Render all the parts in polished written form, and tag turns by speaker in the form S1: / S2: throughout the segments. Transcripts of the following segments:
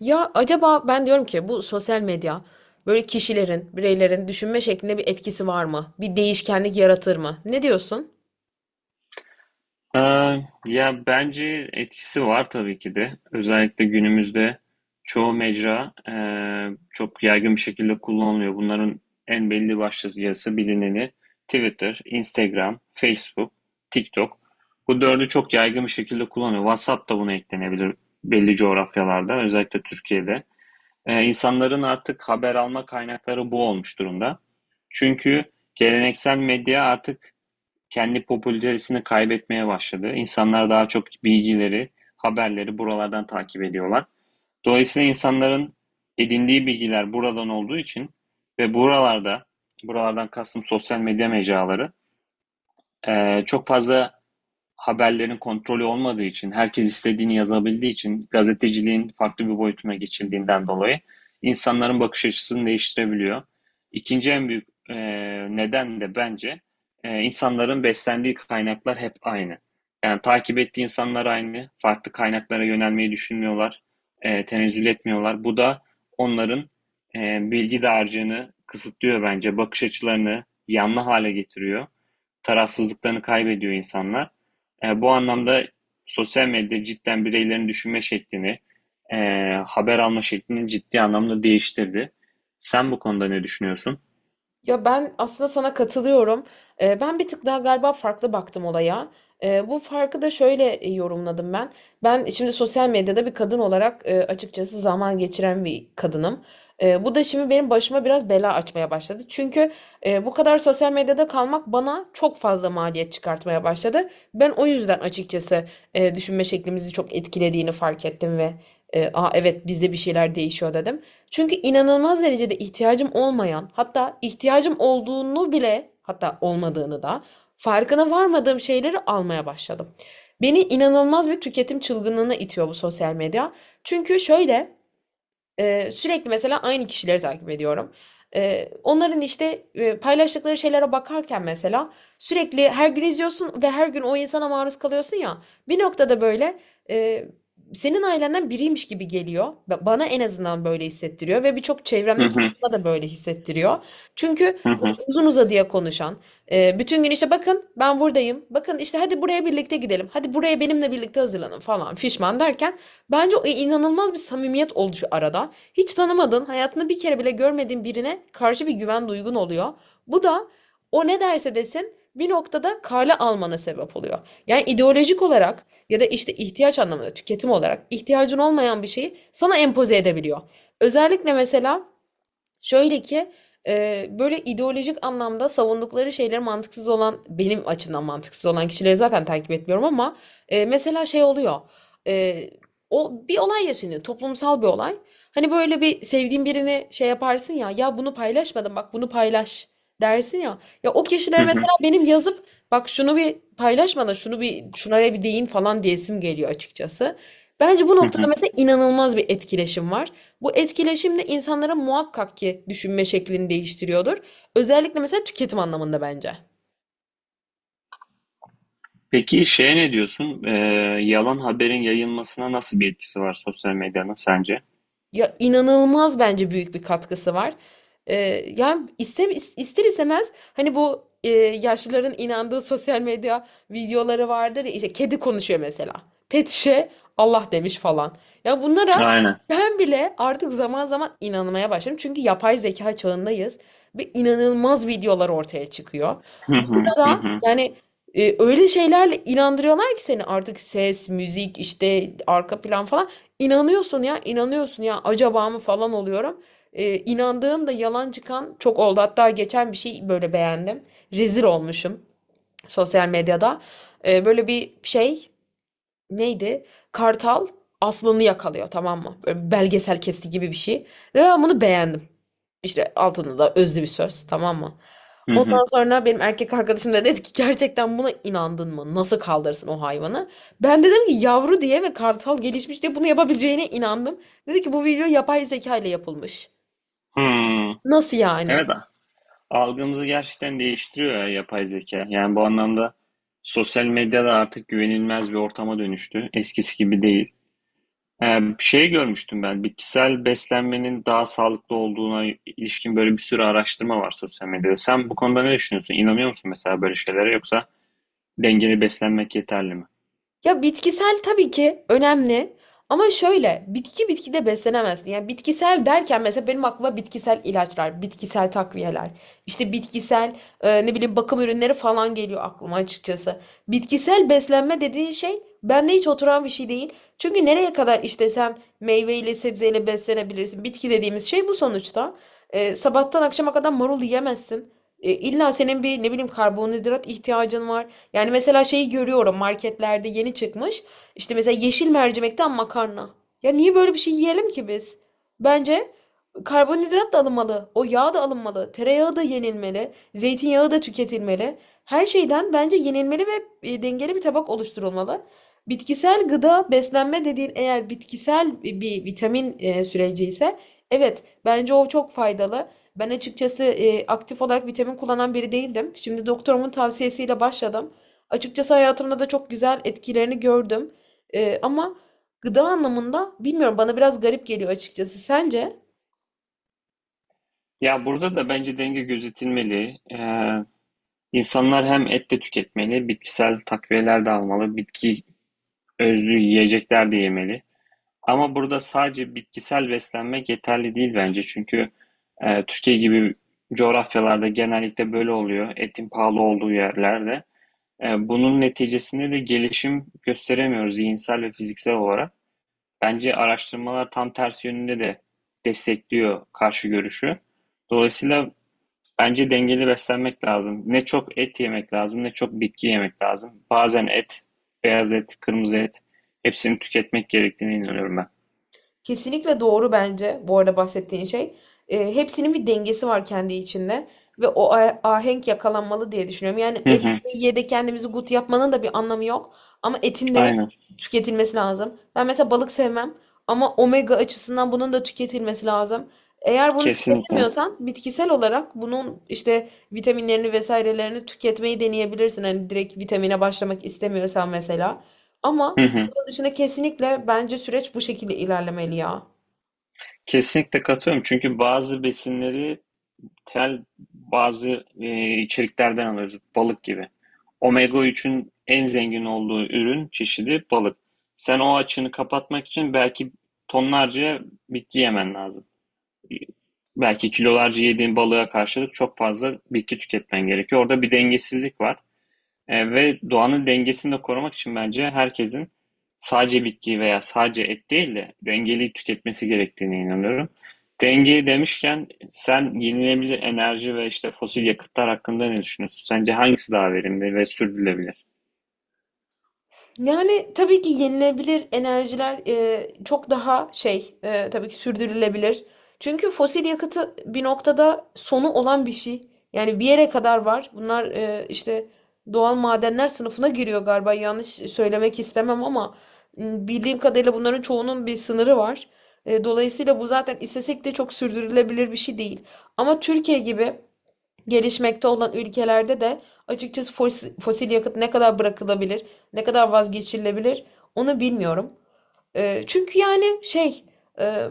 S1: Ya acaba ben diyorum ki bu sosyal medya böyle kişilerin, bireylerin düşünme şeklinde bir etkisi var mı? Bir değişkenlik yaratır mı? Ne diyorsun?
S2: Ya bence etkisi var tabii ki de. Özellikle günümüzde çoğu mecra çok yaygın bir şekilde kullanılıyor. Bunların en belli başlıcası bilineni Twitter, Instagram, Facebook, TikTok. Bu dördü çok yaygın bir şekilde kullanıyor. WhatsApp da buna eklenebilir belli coğrafyalarda, özellikle Türkiye'de. İnsanların artık haber alma kaynakları bu olmuş durumda. Çünkü geleneksel medya artık kendi popülaritesini kaybetmeye başladı. İnsanlar daha çok bilgileri, haberleri buralardan takip ediyorlar. Dolayısıyla insanların edindiği bilgiler buradan olduğu için ve buralardan kastım sosyal medya mecraları, çok fazla haberlerin kontrolü olmadığı için, herkes istediğini yazabildiği için, gazeteciliğin farklı bir boyutuna geçildiğinden dolayı insanların bakış açısını değiştirebiliyor. İkinci en büyük neden de bence insanların beslendiği kaynaklar hep aynı. Yani takip ettiği insanlar aynı, farklı kaynaklara yönelmeyi düşünmüyorlar, tenezzül etmiyorlar. Bu da onların e, bilgi dağarcığını kısıtlıyor bence, bakış açılarını yanlı hale getiriyor, tarafsızlıklarını kaybediyor insanlar. Bu anlamda sosyal medya cidden bireylerin düşünme şeklini, e, haber alma şeklini ciddi anlamda değiştirdi. Sen bu konuda ne düşünüyorsun?
S1: Ya ben aslında sana katılıyorum. Ben bir tık daha galiba farklı baktım olaya. Bu farkı da şöyle yorumladım ben. Ben şimdi sosyal medyada bir kadın olarak açıkçası zaman geçiren bir kadınım. Bu da şimdi benim başıma biraz bela açmaya başladı. Çünkü bu kadar sosyal medyada kalmak bana çok fazla maliyet çıkartmaya başladı. Ben o yüzden açıkçası düşünme şeklimizi çok etkilediğini fark ettim ve aa, evet bizde bir şeyler değişiyor dedim. Çünkü inanılmaz derecede ihtiyacım olmayan, hatta ihtiyacım olduğunu bile, hatta olmadığını da farkına varmadığım şeyleri almaya başladım. Beni inanılmaz bir tüketim çılgınlığına itiyor bu sosyal medya. Çünkü şöyle, sürekli mesela aynı kişileri takip ediyorum. Onların işte paylaştıkları şeylere bakarken mesela sürekli her gün izliyorsun ve her gün o insana maruz kalıyorsun ya. Bir noktada böyle e, senin ailenden biriymiş gibi geliyor. Bana en azından böyle hissettiriyor ve birçok
S2: Hı
S1: çevremdeki
S2: hı,
S1: insana da böyle hissettiriyor. Çünkü
S2: hı hı,
S1: böyle uzun uzadıya konuşan, bütün gün işte bakın ben buradayım, bakın işte hadi buraya birlikte gidelim, hadi buraya benimle birlikte hazırlanın falan fişman derken bence o inanılmaz bir samimiyet oluşu arada. Hiç tanımadığın, hayatını bir kere bile görmediğin birine karşı bir güven duygun oluyor. Bu da o ne derse desin bir noktada kale almana sebep oluyor. Yani ideolojik olarak ya da işte ihtiyaç anlamında tüketim olarak ihtiyacın olmayan bir şeyi sana empoze edebiliyor. Özellikle mesela şöyle ki böyle ideolojik anlamda savundukları şeyleri mantıksız olan benim açımdan mantıksız olan kişileri zaten takip etmiyorum ama mesela şey oluyor. E, O bir olay yaşanıyor, toplumsal bir olay. Hani böyle bir sevdiğin birini şey yaparsın ya, ya bunu paylaşmadım bak bunu paylaş dersin ya. Ya o
S2: hı
S1: kişiler
S2: hı,
S1: mesela benim yazıp bak şunu bir paylaşmadan şunu bir şunlara bir değin falan diyesim geliyor açıkçası. Bence bu
S2: hı
S1: noktada
S2: hı.
S1: mesela inanılmaz bir etkileşim var. Bu etkileşim de insanların muhakkak ki düşünme şeklini değiştiriyordur. Özellikle mesela tüketim anlamında bence.
S2: Peki şeye ne diyorsun? Yalan haberin yayılmasına nasıl bir etkisi var sosyal medyanın sence?
S1: Ya inanılmaz bence büyük bir katkısı var. Ee, Yani iste, ister istemez hani bu yaşlıların inandığı sosyal medya videoları vardır ya, işte kedi konuşuyor mesela. Pet şişe Allah demiş falan. Ya bunlara
S2: Aynen.
S1: ben bile artık zaman zaman inanmaya başladım. Çünkü yapay zeka çağındayız ve inanılmaz videolar ortaya çıkıyor.
S2: Hı hı,
S1: Burada
S2: hı
S1: da
S2: hı,
S1: yani öyle şeylerle inandırıyorlar ki seni artık ses, müzik, işte arka plan falan. İnanıyorsun ya, inanıyorsun ya acaba mı falan oluyorum. İnandığım da yalan çıkan çok oldu. Hatta geçen bir şey böyle beğendim. Rezil olmuşum sosyal medyada. Böyle bir şey neydi? Kartal aslanı yakalıyor, tamam mı? Böyle belgesel kesti gibi bir şey. Ve ben bunu beğendim. İşte altında da özlü bir söz, tamam mı?
S2: hı hı.
S1: Ondan sonra benim erkek arkadaşım da dedi ki gerçekten buna inandın mı? Nasıl kaldırırsın o hayvanı? Ben dedim ki yavru diye ve kartal gelişmiş diye bunu yapabileceğine inandım. Dedi ki bu video yapay zeka ile yapılmış.
S2: Hmm.
S1: Nasıl yani?
S2: Evet. Algımızı gerçekten değiştiriyor ya yapay zeka. Yani bu anlamda sosyal medya da artık güvenilmez bir ortama dönüştü. Eskisi gibi değil. Ee, Bir şey görmüştüm ben. Bitkisel beslenmenin daha sağlıklı olduğuna ilişkin böyle bir sürü araştırma var sosyal medyada. Sen bu konuda ne düşünüyorsun? İnanıyor musun mesela böyle şeylere, yoksa dengeli beslenmek yeterli mi?
S1: Ya bitkisel tabii ki önemli ama şöyle bitkide beslenemezsin. Yani bitkisel derken mesela benim aklıma bitkisel ilaçlar, bitkisel takviyeler, işte bitkisel ne bileyim bakım ürünleri falan geliyor aklıma açıkçası. Bitkisel beslenme dediğin şey bende hiç oturan bir şey değil. Çünkü nereye kadar işte sen meyveyle sebzeyle beslenebilirsin. Bitki dediğimiz şey bu sonuçta. Sabahtan akşama kadar marul yiyemezsin. İlla senin bir ne bileyim karbonhidrat ihtiyacın var. Yani mesela şeyi görüyorum marketlerde yeni çıkmış. İşte mesela yeşil mercimekten makarna. Ya niye böyle bir şey yiyelim ki biz? Bence karbonhidrat da alınmalı. O yağ da alınmalı. Tereyağı da yenilmeli. Zeytinyağı da tüketilmeli. Her şeyden bence yenilmeli ve dengeli bir tabak oluşturulmalı. Bitkisel gıda beslenme dediğin eğer bitkisel bir vitamin süreci ise evet bence o çok faydalı. Ben açıkçası aktif olarak vitamin kullanan biri değildim. Şimdi doktorumun tavsiyesiyle başladım. Açıkçası hayatımda da çok güzel etkilerini gördüm. Ama gıda anlamında bilmiyorum, bana biraz garip geliyor açıkçası. Sence?
S2: Ya burada da bence denge gözetilmeli. İnsanlar hem et de tüketmeli, bitkisel takviyeler de almalı, bitki özlü yiyecekler de yemeli. Ama burada sadece bitkisel beslenmek yeterli değil bence. Çünkü Türkiye gibi coğrafyalarda genellikle böyle oluyor. Etin pahalı olduğu yerlerde. Bunun neticesinde de gelişim gösteremiyoruz zihinsel ve fiziksel olarak. Bence araştırmalar tam tersi yönünde de destekliyor karşı görüşü. Dolayısıyla bence dengeli beslenmek lazım. Ne çok et yemek lazım, ne çok bitki yemek lazım. Bazen et, beyaz et, kırmızı et, hepsini tüketmek gerektiğine inanıyorum ben.
S1: Kesinlikle doğru bence bu arada bahsettiğin şey. Hepsinin bir dengesi var kendi içinde ve o ahenk yakalanmalı diye düşünüyorum. Yani
S2: Hı
S1: et
S2: hı.
S1: ye de kendimizi gut yapmanın da bir anlamı yok ama etin de
S2: Aynen.
S1: tüketilmesi lazım. Ben mesela balık sevmem ama omega açısından bunun da tüketilmesi lazım. Eğer bunu
S2: Kesinlikle.
S1: tüketemiyorsan bitkisel olarak bunun işte vitaminlerini vesairelerini tüketmeyi deneyebilirsin. Hani direkt vitamine başlamak istemiyorsan mesela.
S2: Hı
S1: Ama
S2: hı.
S1: dışında kesinlikle bence süreç bu şekilde ilerlemeli ya.
S2: Kesinlikle katılıyorum. Çünkü bazı besinleri tel bazı içeriklerden alıyoruz. Balık gibi. Omega üçün en zengin olduğu ürün çeşidi balık. Sen o açığını kapatmak için belki tonlarca bitki yemen lazım. Belki kilolarca yediğin balığa karşılık çok fazla bitki tüketmen gerekiyor. Orada bir dengesizlik var. Ve doğanın dengesini de korumak için bence herkesin sadece bitki veya sadece et değil de dengeli tüketmesi gerektiğine inanıyorum. Denge demişken sen yenilenebilir enerji ve işte fosil yakıtlar hakkında ne düşünüyorsun? Sence hangisi daha verimli ve sürdürülebilir?
S1: Yani tabii ki yenilebilir enerjiler çok daha şey tabii ki sürdürülebilir. Çünkü fosil yakıtı bir noktada sonu olan bir şey. Yani bir yere kadar var. Bunlar işte doğal madenler sınıfına giriyor galiba. Yanlış söylemek istemem ama bildiğim kadarıyla bunların çoğunun bir sınırı var. Dolayısıyla bu zaten istesek de çok sürdürülebilir bir şey değil. Ama Türkiye gibi gelişmekte olan ülkelerde de açıkçası fosil yakıt ne kadar bırakılabilir, ne kadar vazgeçilebilir onu bilmiyorum. Çünkü yani şey, e,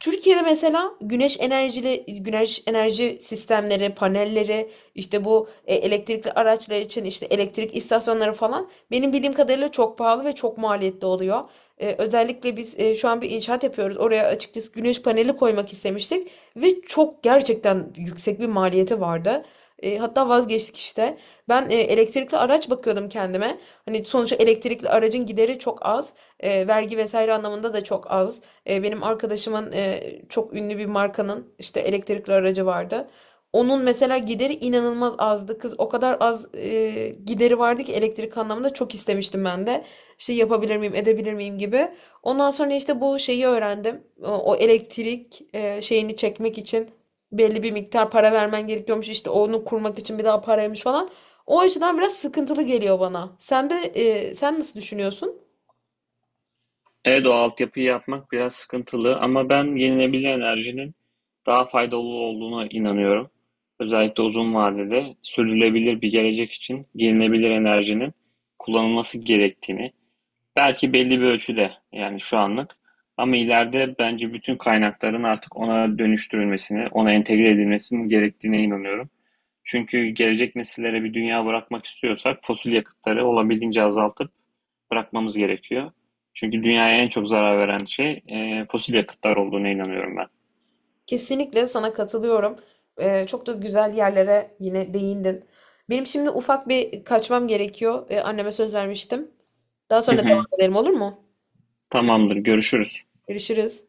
S1: Türkiye'de mesela güneş enerji sistemleri, panelleri, işte bu elektrikli araçlar için işte elektrik istasyonları falan benim bildiğim kadarıyla çok pahalı ve çok maliyetli oluyor. Özellikle biz şu an bir inşaat yapıyoruz. Oraya açıkçası güneş paneli koymak istemiştik ve çok gerçekten yüksek bir maliyeti vardı. Hatta vazgeçtik işte. Ben elektrikli araç bakıyordum kendime. Hani sonuçta elektrikli aracın gideri çok az, vergi vesaire anlamında da çok az. Benim arkadaşımın çok ünlü bir markanın işte elektrikli aracı vardı. Onun mesela gideri inanılmaz azdı. Kız o kadar az gideri vardı ki elektrik anlamında çok istemiştim ben de. İşte yapabilir miyim, edebilir miyim gibi. Ondan sonra işte bu şeyi öğrendim. O elektrik şeyini çekmek için belli bir miktar para vermen gerekiyormuş. İşte onu kurmak için bir daha paraymış falan. O açıdan biraz sıkıntılı geliyor bana. Sen de sen nasıl düşünüyorsun?
S2: Evet, o altyapıyı yapmak biraz sıkıntılı ama ben yenilenebilir enerjinin daha faydalı olduğuna inanıyorum. Özellikle uzun vadede sürdürülebilir bir gelecek için yenilenebilir enerjinin kullanılması gerektiğini, belki belli bir ölçüde yani şu anlık. Ama ileride bence bütün kaynakların artık ona dönüştürülmesini, ona entegre edilmesinin gerektiğine inanıyorum. Çünkü gelecek nesillere bir dünya bırakmak istiyorsak fosil yakıtları olabildiğince azaltıp bırakmamız gerekiyor. Çünkü dünyaya en çok zarar veren şey fosil yakıtlar olduğuna inanıyorum ben.
S1: Kesinlikle sana katılıyorum. Çok da güzel yerlere yine değindin. Benim şimdi ufak bir kaçmam gerekiyor. Anneme söz vermiştim. Daha
S2: Hı
S1: sonra
S2: hı.
S1: devam edelim, olur mu?
S2: Tamamdır, görüşürüz.
S1: Görüşürüz.